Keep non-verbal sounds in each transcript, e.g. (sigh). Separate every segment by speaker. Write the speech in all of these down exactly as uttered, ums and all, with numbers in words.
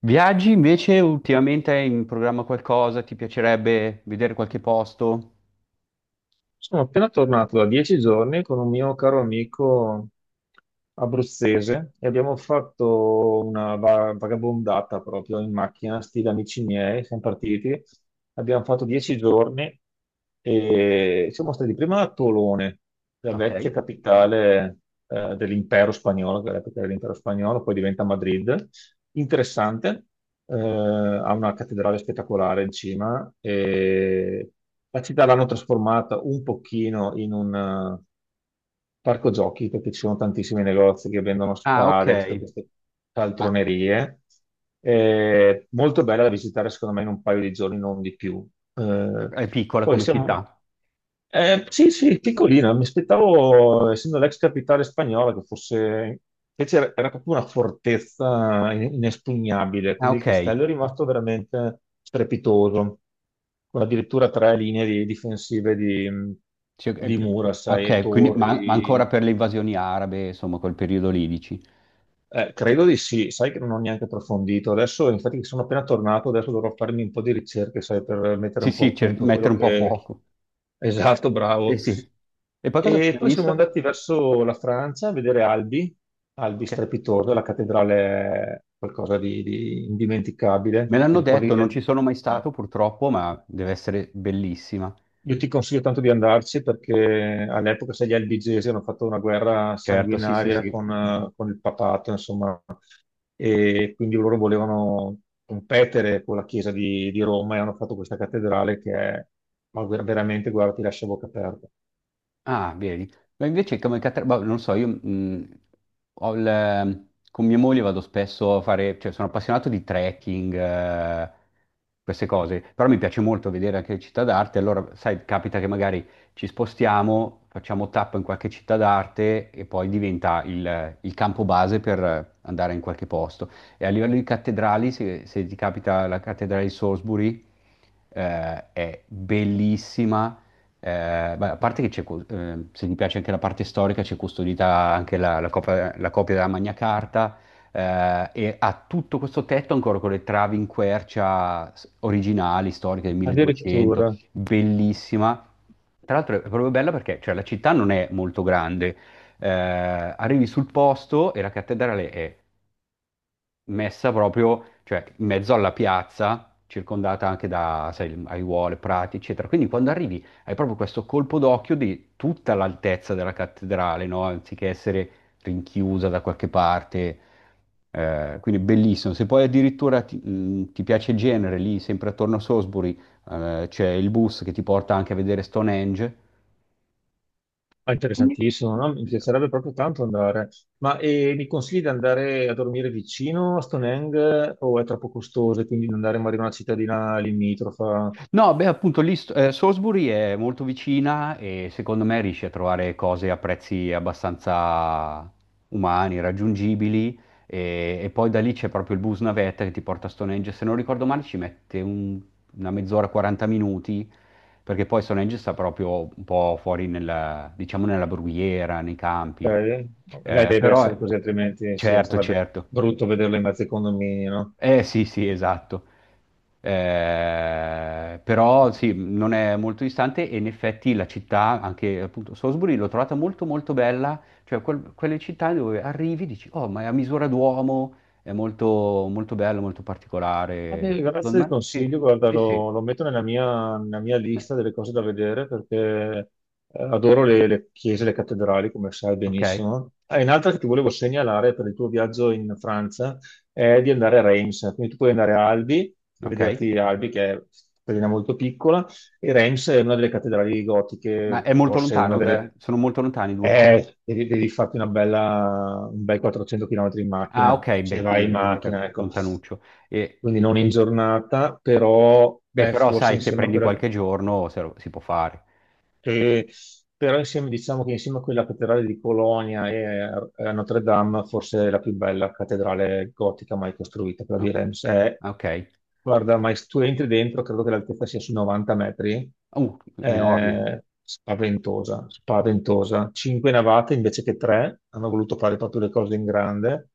Speaker 1: Viaggi invece ultimamente hai in programma qualcosa? Ti piacerebbe vedere qualche posto?
Speaker 2: Sono appena tornato da dieci giorni con un mio caro amico abruzzese e abbiamo fatto una va- vagabondata proprio in macchina, stile amici miei, siamo partiti. Abbiamo fatto dieci giorni e siamo stati prima a Tolone, la
Speaker 1: Ok.
Speaker 2: vecchia capitale eh, dell'impero spagnolo, che all'epoca era l'impero spagnolo, poi diventa Madrid. Interessante, eh, ha una cattedrale spettacolare in cima e la città l'hanno trasformata un pochino in un parco giochi perché ci sono tantissimi negozi che vendono
Speaker 1: Ah, ok.
Speaker 2: spade, tutte queste
Speaker 1: Ma
Speaker 2: caltronerie. È molto bella da visitare, secondo me, in un paio di giorni, non di più.
Speaker 1: eh,
Speaker 2: Eh,
Speaker 1: è piccola
Speaker 2: poi
Speaker 1: come
Speaker 2: siamo.
Speaker 1: città.
Speaker 2: Eh, sì, sì, piccolina. Mi aspettavo, essendo l'ex capitale spagnola, che fosse. Invece era era proprio una fortezza in- inespugnabile,
Speaker 1: Ah,
Speaker 2: quindi il
Speaker 1: ok.
Speaker 2: castello è rimasto veramente strepitoso con addirittura tre linee di- difensive di,
Speaker 1: Sì, è-
Speaker 2: di mura, sai, e
Speaker 1: ok, quindi, ma,
Speaker 2: torri.
Speaker 1: ma ancora per le invasioni arabe, insomma, quel periodo lì, dici.
Speaker 2: Eh, credo di sì, sai che non ho neanche approfondito. Adesso, infatti, sono appena tornato, adesso dovrò farmi un po' di ricerche, sai, per mettere
Speaker 1: Sì,
Speaker 2: un po'
Speaker 1: sì,
Speaker 2: a
Speaker 1: cer-
Speaker 2: punto
Speaker 1: mettere
Speaker 2: quello
Speaker 1: un po' a
Speaker 2: che
Speaker 1: fuoco.
Speaker 2: (laughs) Esatto,
Speaker 1: Eh
Speaker 2: bravo.
Speaker 1: sì. E poi cosa
Speaker 2: E
Speaker 1: avete
Speaker 2: poi siamo
Speaker 1: visto?
Speaker 2: andati verso la Francia a vedere Albi, Albi
Speaker 1: Ok.
Speaker 2: strepitoso, la cattedrale è qualcosa di, di indimenticabile.
Speaker 1: Me
Speaker 2: Ti
Speaker 1: l'hanno
Speaker 2: ricordi?
Speaker 1: detto, non ci
Speaker 2: eh,
Speaker 1: sono mai stato purtroppo, ma deve essere bellissima.
Speaker 2: Io ti consiglio tanto di andarci perché all'epoca, sai, gli albigesi hanno fatto una guerra
Speaker 1: Certo, sì, sì,
Speaker 2: sanguinaria
Speaker 1: sì.
Speaker 2: con, eh, con il papato, insomma, e quindi loro volevano competere con la chiesa di, di Roma e hanno fatto questa cattedrale che è, ma ver- veramente, guarda, ti lascia a bocca aperta.
Speaker 1: Ah, vedi. Ma invece come catena, boh, non lo so, io mh, ho il- con mia moglie vado spesso a fare, cioè sono appassionato di trekking, eh, queste cose, però mi piace molto vedere anche le città d'arte, allora sai, capita che magari ci spostiamo, facciamo tappa in qualche città d'arte e poi diventa il, il campo base per andare in qualche posto. E a livello di cattedrali, se, se ti capita la cattedrale di Salisbury, eh, è bellissima. Eh, beh, a parte che c'è, cu- eh, se ti piace anche la parte storica, c'è custodita anche la, la copia, la copia della Magna Carta, eh, e ha tutto questo tetto ancora con le travi in quercia s- originali, storiche del milleduecento,
Speaker 2: Addirittura,
Speaker 1: bellissima. Tra l'altro è proprio bella perché, cioè, la città non è molto grande, eh, arrivi sul posto e la cattedrale è messa proprio, cioè, in mezzo alla piazza, circondata anche da, sai, aiuole, prati, eccetera. Quindi quando arrivi hai proprio questo colpo d'occhio di tutta l'altezza della cattedrale, no? Anziché essere rinchiusa da qualche parte. Eh, quindi bellissimo. Se poi addirittura ti, mh, ti piace il genere, lì sempre attorno a Salisbury, eh, c'è il bus che ti porta anche a vedere Stonehenge.
Speaker 2: è interessantissimo, no? Mi piacerebbe proprio tanto andare. Ma eh, mi consigli di andare a dormire vicino a Stonehenge o è troppo costoso e quindi di andare magari in una cittadina limitrofa?
Speaker 1: No, beh, appunto lì st- eh, Salisbury è molto vicina e secondo me riesci a trovare cose a prezzi abbastanza umani, raggiungibili, e, e poi da lì c'è proprio il bus navetta che ti porta a Stonehenge. Se non ricordo male ci mette un- una mezz'ora, quaranta minuti, perché poi Stonehenge sta proprio un po' fuori nella, diciamo, nella brughiera, nei
Speaker 2: Ok.
Speaker 1: campi.
Speaker 2: Beh,
Speaker 1: Eh,
Speaker 2: deve
Speaker 1: però,
Speaker 2: essere così, altrimenti sì,
Speaker 1: certo,
Speaker 2: sarebbe
Speaker 1: certo.
Speaker 2: brutto vederlo in mezzo ai condomini, no?
Speaker 1: Eh sì, sì, esatto. Eh, però sì, non è molto distante e in effetti la città, anche appunto Salisbury, l'ho trovata molto molto bella, cioè quel- quelle città dove arrivi e dici, oh, ma è a misura d'uomo, è molto, molto bello, molto
Speaker 2: Ah,
Speaker 1: particolare.
Speaker 2: beh, grazie
Speaker 1: Secondo
Speaker 2: del
Speaker 1: me, sì,
Speaker 2: consiglio, guarda,
Speaker 1: sì, sì.
Speaker 2: lo, lo metto nella mia, nella mia
Speaker 1: Eh,
Speaker 2: lista delle cose da vedere perché eh, adoro le, le chiese, le cattedrali, come sai
Speaker 1: Ok,
Speaker 2: benissimo. Ah, e un'altra che ti volevo segnalare per il tuo viaggio in Francia è di andare a Reims, quindi tu puoi andare a Albi, per
Speaker 1: ok.
Speaker 2: vederti Albi che è una cittadina molto piccola, e Reims è una delle cattedrali
Speaker 1: Ma
Speaker 2: gotiche,
Speaker 1: è molto
Speaker 2: forse una
Speaker 1: lontano,
Speaker 2: delle.
Speaker 1: da- sono molto lontani i due posti.
Speaker 2: Eh, devi, devi farti una bella, un bel quattrocento chilometri in
Speaker 1: Ah,
Speaker 2: macchina,
Speaker 1: ok,
Speaker 2: se
Speaker 1: beh,
Speaker 2: vai in
Speaker 1: quindi
Speaker 2: macchina,
Speaker 1: lontan-
Speaker 2: ecco.
Speaker 1: lontanuccio. E,
Speaker 2: Quindi non in giornata, però
Speaker 1: beh,
Speaker 2: eh,
Speaker 1: però
Speaker 2: forse
Speaker 1: sai, se
Speaker 2: insieme a
Speaker 1: prendi
Speaker 2: quella
Speaker 1: qualche giorno, se lo- si può fare.
Speaker 2: che, però insieme, diciamo che insieme a quella cattedrale di Colonia e a Notre Dame, forse è la più bella cattedrale gotica mai costruita, quella di
Speaker 1: No?
Speaker 2: Reims. È-
Speaker 1: Ok.
Speaker 2: guarda, ma se tu entri dentro, credo che l'altezza sia sui novanta metri,
Speaker 1: Uh, enorme,
Speaker 2: è spaventosa, spaventosa. Cinque navate invece che tre, hanno voluto fare proprio le cose in grande.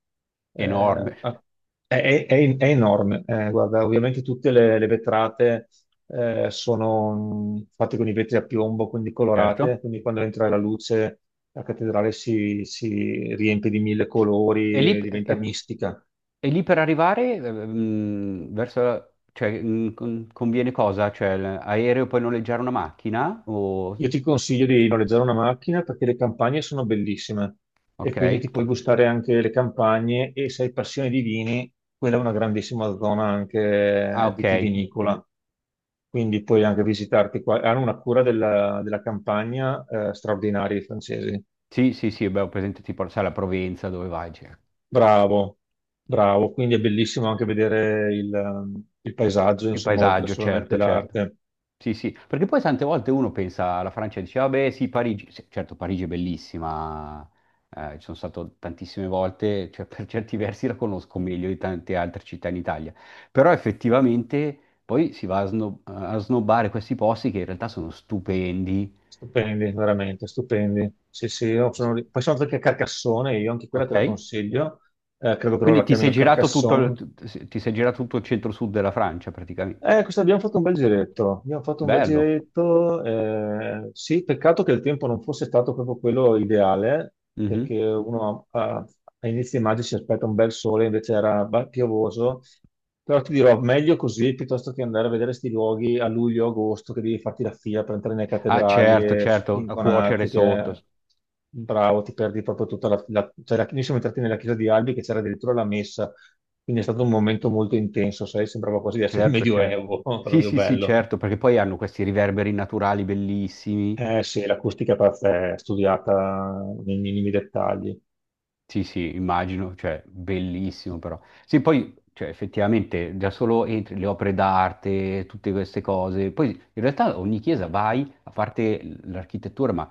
Speaker 2: Eh,
Speaker 1: enorme,
Speaker 2: ha- è, è- è- è enorme. Eh, guarda, ovviamente tutte le, le vetrate eh, sono mh, fatte con i vetri a piombo, quindi colorate,
Speaker 1: certo.
Speaker 2: quindi quando entra la luce la cattedrale si, si riempie di mille
Speaker 1: E lì,
Speaker 2: colori e diventa
Speaker 1: e-
Speaker 2: mistica.
Speaker 1: e lì per arrivare ehm, verso... la- cioè, mm, con- conviene cosa? Cioè, l'aereo puoi noleggiare una macchina? O...
Speaker 2: Io ti consiglio di noleggiare una macchina perché le campagne sono bellissime e
Speaker 1: Ok.
Speaker 2: quindi ti puoi gustare anche le campagne e se hai passione di vini, quella è una grandissima zona
Speaker 1: Ah,
Speaker 2: anche
Speaker 1: ok.
Speaker 2: vitivinicola. Quindi puoi anche visitarti qua. Hanno una cura della, della campagna eh, straordinaria i francesi.
Speaker 1: Sì, sì, sì, beh, ho presente tipo, sai, la Provenza, dove vai? Cioè.
Speaker 2: Bravo, bravo, quindi è bellissimo anche vedere il, ehm, il paesaggio,
Speaker 1: Il
Speaker 2: insomma, oltre
Speaker 1: paesaggio,
Speaker 2: solamente
Speaker 1: certo, certo.
Speaker 2: l'arte.
Speaker 1: Sì, sì, perché poi tante volte uno pensa alla Francia e dice, vabbè, sì, Parigi, sì, certo, Parigi è bellissima, eh, ci sono stato tantissime volte, cioè (laughs) per certi versi la conosco meglio di tante altre città in Italia, però effettivamente poi si va a, sno- eh, a snobbare questi posti che in realtà sono stupendi.
Speaker 2: Stupendi, veramente, stupendi. Sì, sì. io
Speaker 1: Sì.
Speaker 2: sono... ri- Poi sono andato anche a Carcassonne, io anche quella te
Speaker 1: Ok?
Speaker 2: la consiglio. Eh, credo che loro
Speaker 1: Quindi
Speaker 2: la
Speaker 1: ti sei
Speaker 2: chiamino
Speaker 1: girato, assolutamente,
Speaker 2: Carcassonne.
Speaker 1: tutto il, tu- ti sei girato tutto il centro-sud della Francia praticamente,
Speaker 2: Eh, questo abbiamo fatto un bel giretto, abbiamo fatto un bel
Speaker 1: bello.
Speaker 2: giretto, eh, sì, peccato che il tempo non fosse stato proprio quello ideale,
Speaker 1: Mhm.
Speaker 2: perché uno a, a inizio maggio si aspetta un bel sole, invece era ba- piovoso, però ti dirò, meglio così piuttosto che andare a vedere questi luoghi a luglio, agosto, che devi farti la fila per entrare nelle
Speaker 1: Ah,
Speaker 2: cattedrali
Speaker 1: certo, assolutamente,
Speaker 2: e
Speaker 1: certo, a cuocere
Speaker 2: spintonarti, che
Speaker 1: sotto.
Speaker 2: bravo, ti perdi proprio tutta la... la- cioè, la- noi siamo entrati nella chiesa di Albi che c'era addirittura la messa, quindi è stato un momento molto intenso, sai, sembrava quasi di essere il
Speaker 1: Certo, certo.
Speaker 2: Medioevo, (laughs)
Speaker 1: Sì,
Speaker 2: proprio
Speaker 1: sì, sì,
Speaker 2: bello.
Speaker 1: certo, perché poi hanno questi riverberi naturali bellissimi.
Speaker 2: Eh sì, l'acustica è perf- è studiata nei minimi dettagli.
Speaker 1: Sì, sì, immagino, cioè, bellissimo però. Sì, poi, cioè, effettivamente, già solo entri, le opere d'arte, tutte queste cose. Poi, in realtà, ogni chiesa vai, a parte l- l'architettura, ma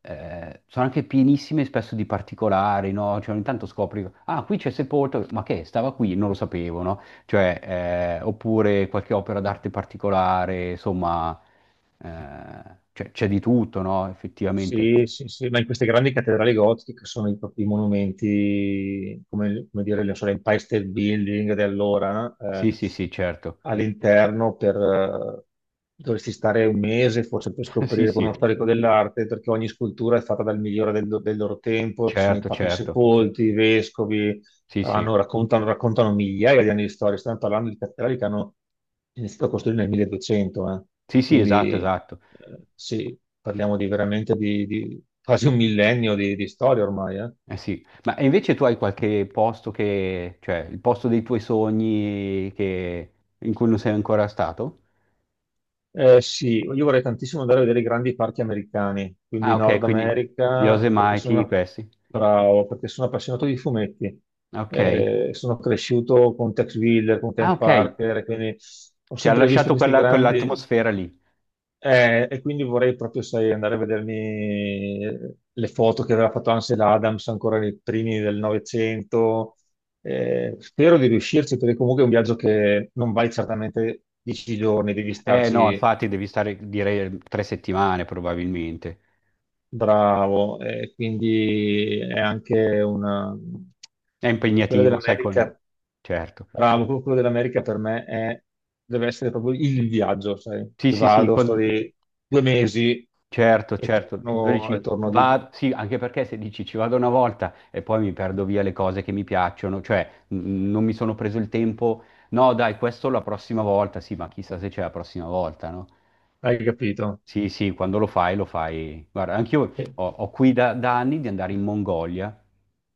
Speaker 1: eh, sono anche pienissime spesso di particolari, no? Cioè, ogni tanto scopri, ah, qui c'è sepolto, ma che, stava qui, non lo sapevo, no? Cioè, eh, oppure qualche opera d'arte particolare, insomma, eh, cioè, c'è di tutto, no? Effettivamente.
Speaker 2: Sì, sì, sì, ma in queste grandi cattedrali gotiche che sono i propri monumenti, come, come dire, non so, l'Empire State Building di allora, eh,
Speaker 1: Sì, sì, sì, certo.
Speaker 2: all'interno per, eh, dovresti stare un mese forse per
Speaker 1: (laughs) Sì,
Speaker 2: scoprire con
Speaker 1: sì.
Speaker 2: uno storico dell'arte, perché ogni scultura è fatta dal migliore del, del loro tempo, ci sono i
Speaker 1: Certo,
Speaker 2: papi
Speaker 1: certo.
Speaker 2: sepolti, i vescovi.
Speaker 1: Sì, sì.
Speaker 2: Fanno- raccontano, raccontano migliaia di anni di storia. Stiamo parlando di cattedrali che hanno iniziato a costruire nel mille duecento, eh.
Speaker 1: Sì, sì, esatto,
Speaker 2: Quindi
Speaker 1: esatto.
Speaker 2: eh, sì, parliamo di veramente di, di quasi un millennio di, di storia ormai. eh.
Speaker 1: Eh sì. Ma e invece tu hai qualche posto che, cioè il posto dei tuoi sogni che- in cui non sei ancora stato?
Speaker 2: Eh, sì, io vorrei tantissimo andare a vedere i grandi parchi americani, quindi
Speaker 1: Ah, ok,
Speaker 2: Nord
Speaker 1: quindi gli
Speaker 2: America, perché
Speaker 1: Yosemite,
Speaker 2: sono
Speaker 1: questi.
Speaker 2: bravo, perché sono appassionato di fumetti.
Speaker 1: Ok.
Speaker 2: Eh, sono cresciuto con Tex Willer, con
Speaker 1: Ah,
Speaker 2: Ken
Speaker 1: ok.
Speaker 2: Parker, quindi ho
Speaker 1: Ti ha
Speaker 2: sempre visto
Speaker 1: lasciato
Speaker 2: questi
Speaker 1: quella-
Speaker 2: grandi.
Speaker 1: quell'atmosfera lì.
Speaker 2: Eh, e quindi vorrei proprio, sai, andare a vedermi le foto che aveva fatto Ansel Adams ancora nei primi del Novecento. Eh, spero di riuscirci, perché comunque è un viaggio che non vai certamente dieci giorni, devi
Speaker 1: Eh no,
Speaker 2: starci
Speaker 1: infatti devi stare, direi, tre settimane probabilmente.
Speaker 2: bravo. E quindi è anche una...
Speaker 1: È
Speaker 2: Quella
Speaker 1: impegnativo, sai, con...
Speaker 2: dell'America,
Speaker 1: Certo.
Speaker 2: bravo, proprio quello dell'America per me è- deve essere proprio il viaggio, sai?
Speaker 1: Sì, sì, sì,
Speaker 2: Vado, sto
Speaker 1: con-
Speaker 2: lì due mesi
Speaker 1: Certo,
Speaker 2: e
Speaker 1: certo,
Speaker 2: torno, e
Speaker 1: dodici
Speaker 2: torno di
Speaker 1: va, sì, anche perché se dici ci vado una volta e poi mi perdo via le cose che mi piacciono, cioè n- non mi sono preso il tempo. No dai, questo la prossima volta, sì, ma chissà se c'è la prossima volta, no?
Speaker 2: Hai capito?
Speaker 1: Sì, sì, quando lo fai, lo fai. Guarda, anch'io
Speaker 2: Sì.
Speaker 1: ho, ho qui da, da anni di andare in Mongolia.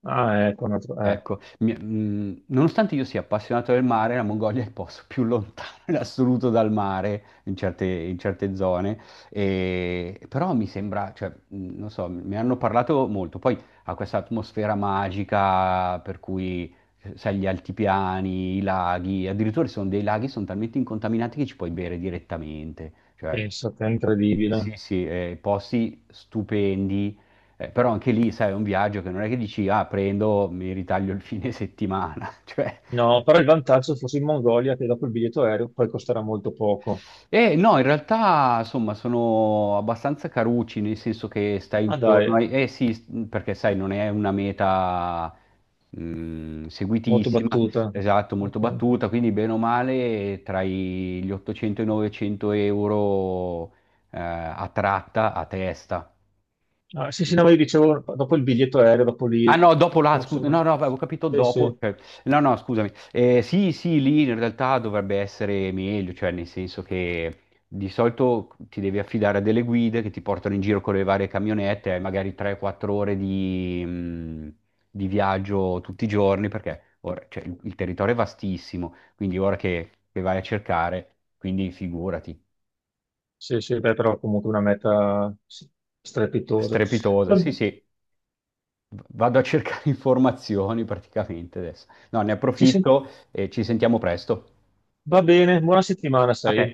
Speaker 2: Ah, ecco, un altro- eh,
Speaker 1: Ecco, mi- mm, nonostante io sia appassionato del mare, la Mongolia è il posto più lontano in assoluto dal mare in certe, in certe zone, e- però mi sembra, cioè, mm, non so, mi hanno parlato molto, poi ha questa atmosfera magica per cui, eh, sai, gli altipiani, i laghi, addirittura ci sono dei laghi che sono talmente incontaminati che ci puoi bere direttamente, cioè,
Speaker 2: pensate, è
Speaker 1: sì,
Speaker 2: incredibile.
Speaker 1: sì, eh, posti stupendi, eh, però anche lì, sai, è un viaggio che non è che dici, ah, prendo, mi ritaglio il fine settimana, (laughs) cioè...
Speaker 2: No, però il vantaggio fosse in Mongolia che dopo il biglietto aereo poi costerà molto poco.
Speaker 1: Eh, no, in realtà, insomma, sono abbastanza carucci, nel senso che stai
Speaker 2: Ah
Speaker 1: intorno
Speaker 2: dai,
Speaker 1: ai... Eh sì, s- perché sai, non è una meta, mh,
Speaker 2: molto
Speaker 1: seguitissima,
Speaker 2: battuta.
Speaker 1: esatto, molto
Speaker 2: Ok.
Speaker 1: battuta, quindi bene o male tra i- gli ottocento e i novecento euro, eh, a tratta, a testa.
Speaker 2: Ah, sì, sì, no, ma io dicevo, dopo il biglietto aereo, dopo
Speaker 1: Ah
Speaker 2: lì,
Speaker 1: no, dopo là,
Speaker 2: forse
Speaker 1: scusa, no,
Speaker 2: no.
Speaker 1: no, avevo capito
Speaker 2: Sì,
Speaker 1: dopo,
Speaker 2: sì,
Speaker 1: cioè, no, no, scusami. Eh, sì, sì, lì in realtà dovrebbe essere meglio, cioè nel senso che di solito ti devi affidare a delle guide che ti portano in giro con le varie camionette, hai magari tre o quattro ore di, mh, di viaggio tutti i giorni, perché ora- cioè, il, il territorio è vastissimo, quindi ora che, che vai a cercare, quindi figurati,
Speaker 2: sì, sì, beh, però comunque una meta sì, strepitosa.
Speaker 1: strepitosa,
Speaker 2: Va,
Speaker 1: sì, sì. Vado a cercare (laughs) informazioni praticamente adesso. No, ne
Speaker 2: ci sen-
Speaker 1: approfitto e ci sentiamo presto.
Speaker 2: va bene, buona settimana,
Speaker 1: A te.
Speaker 2: sai?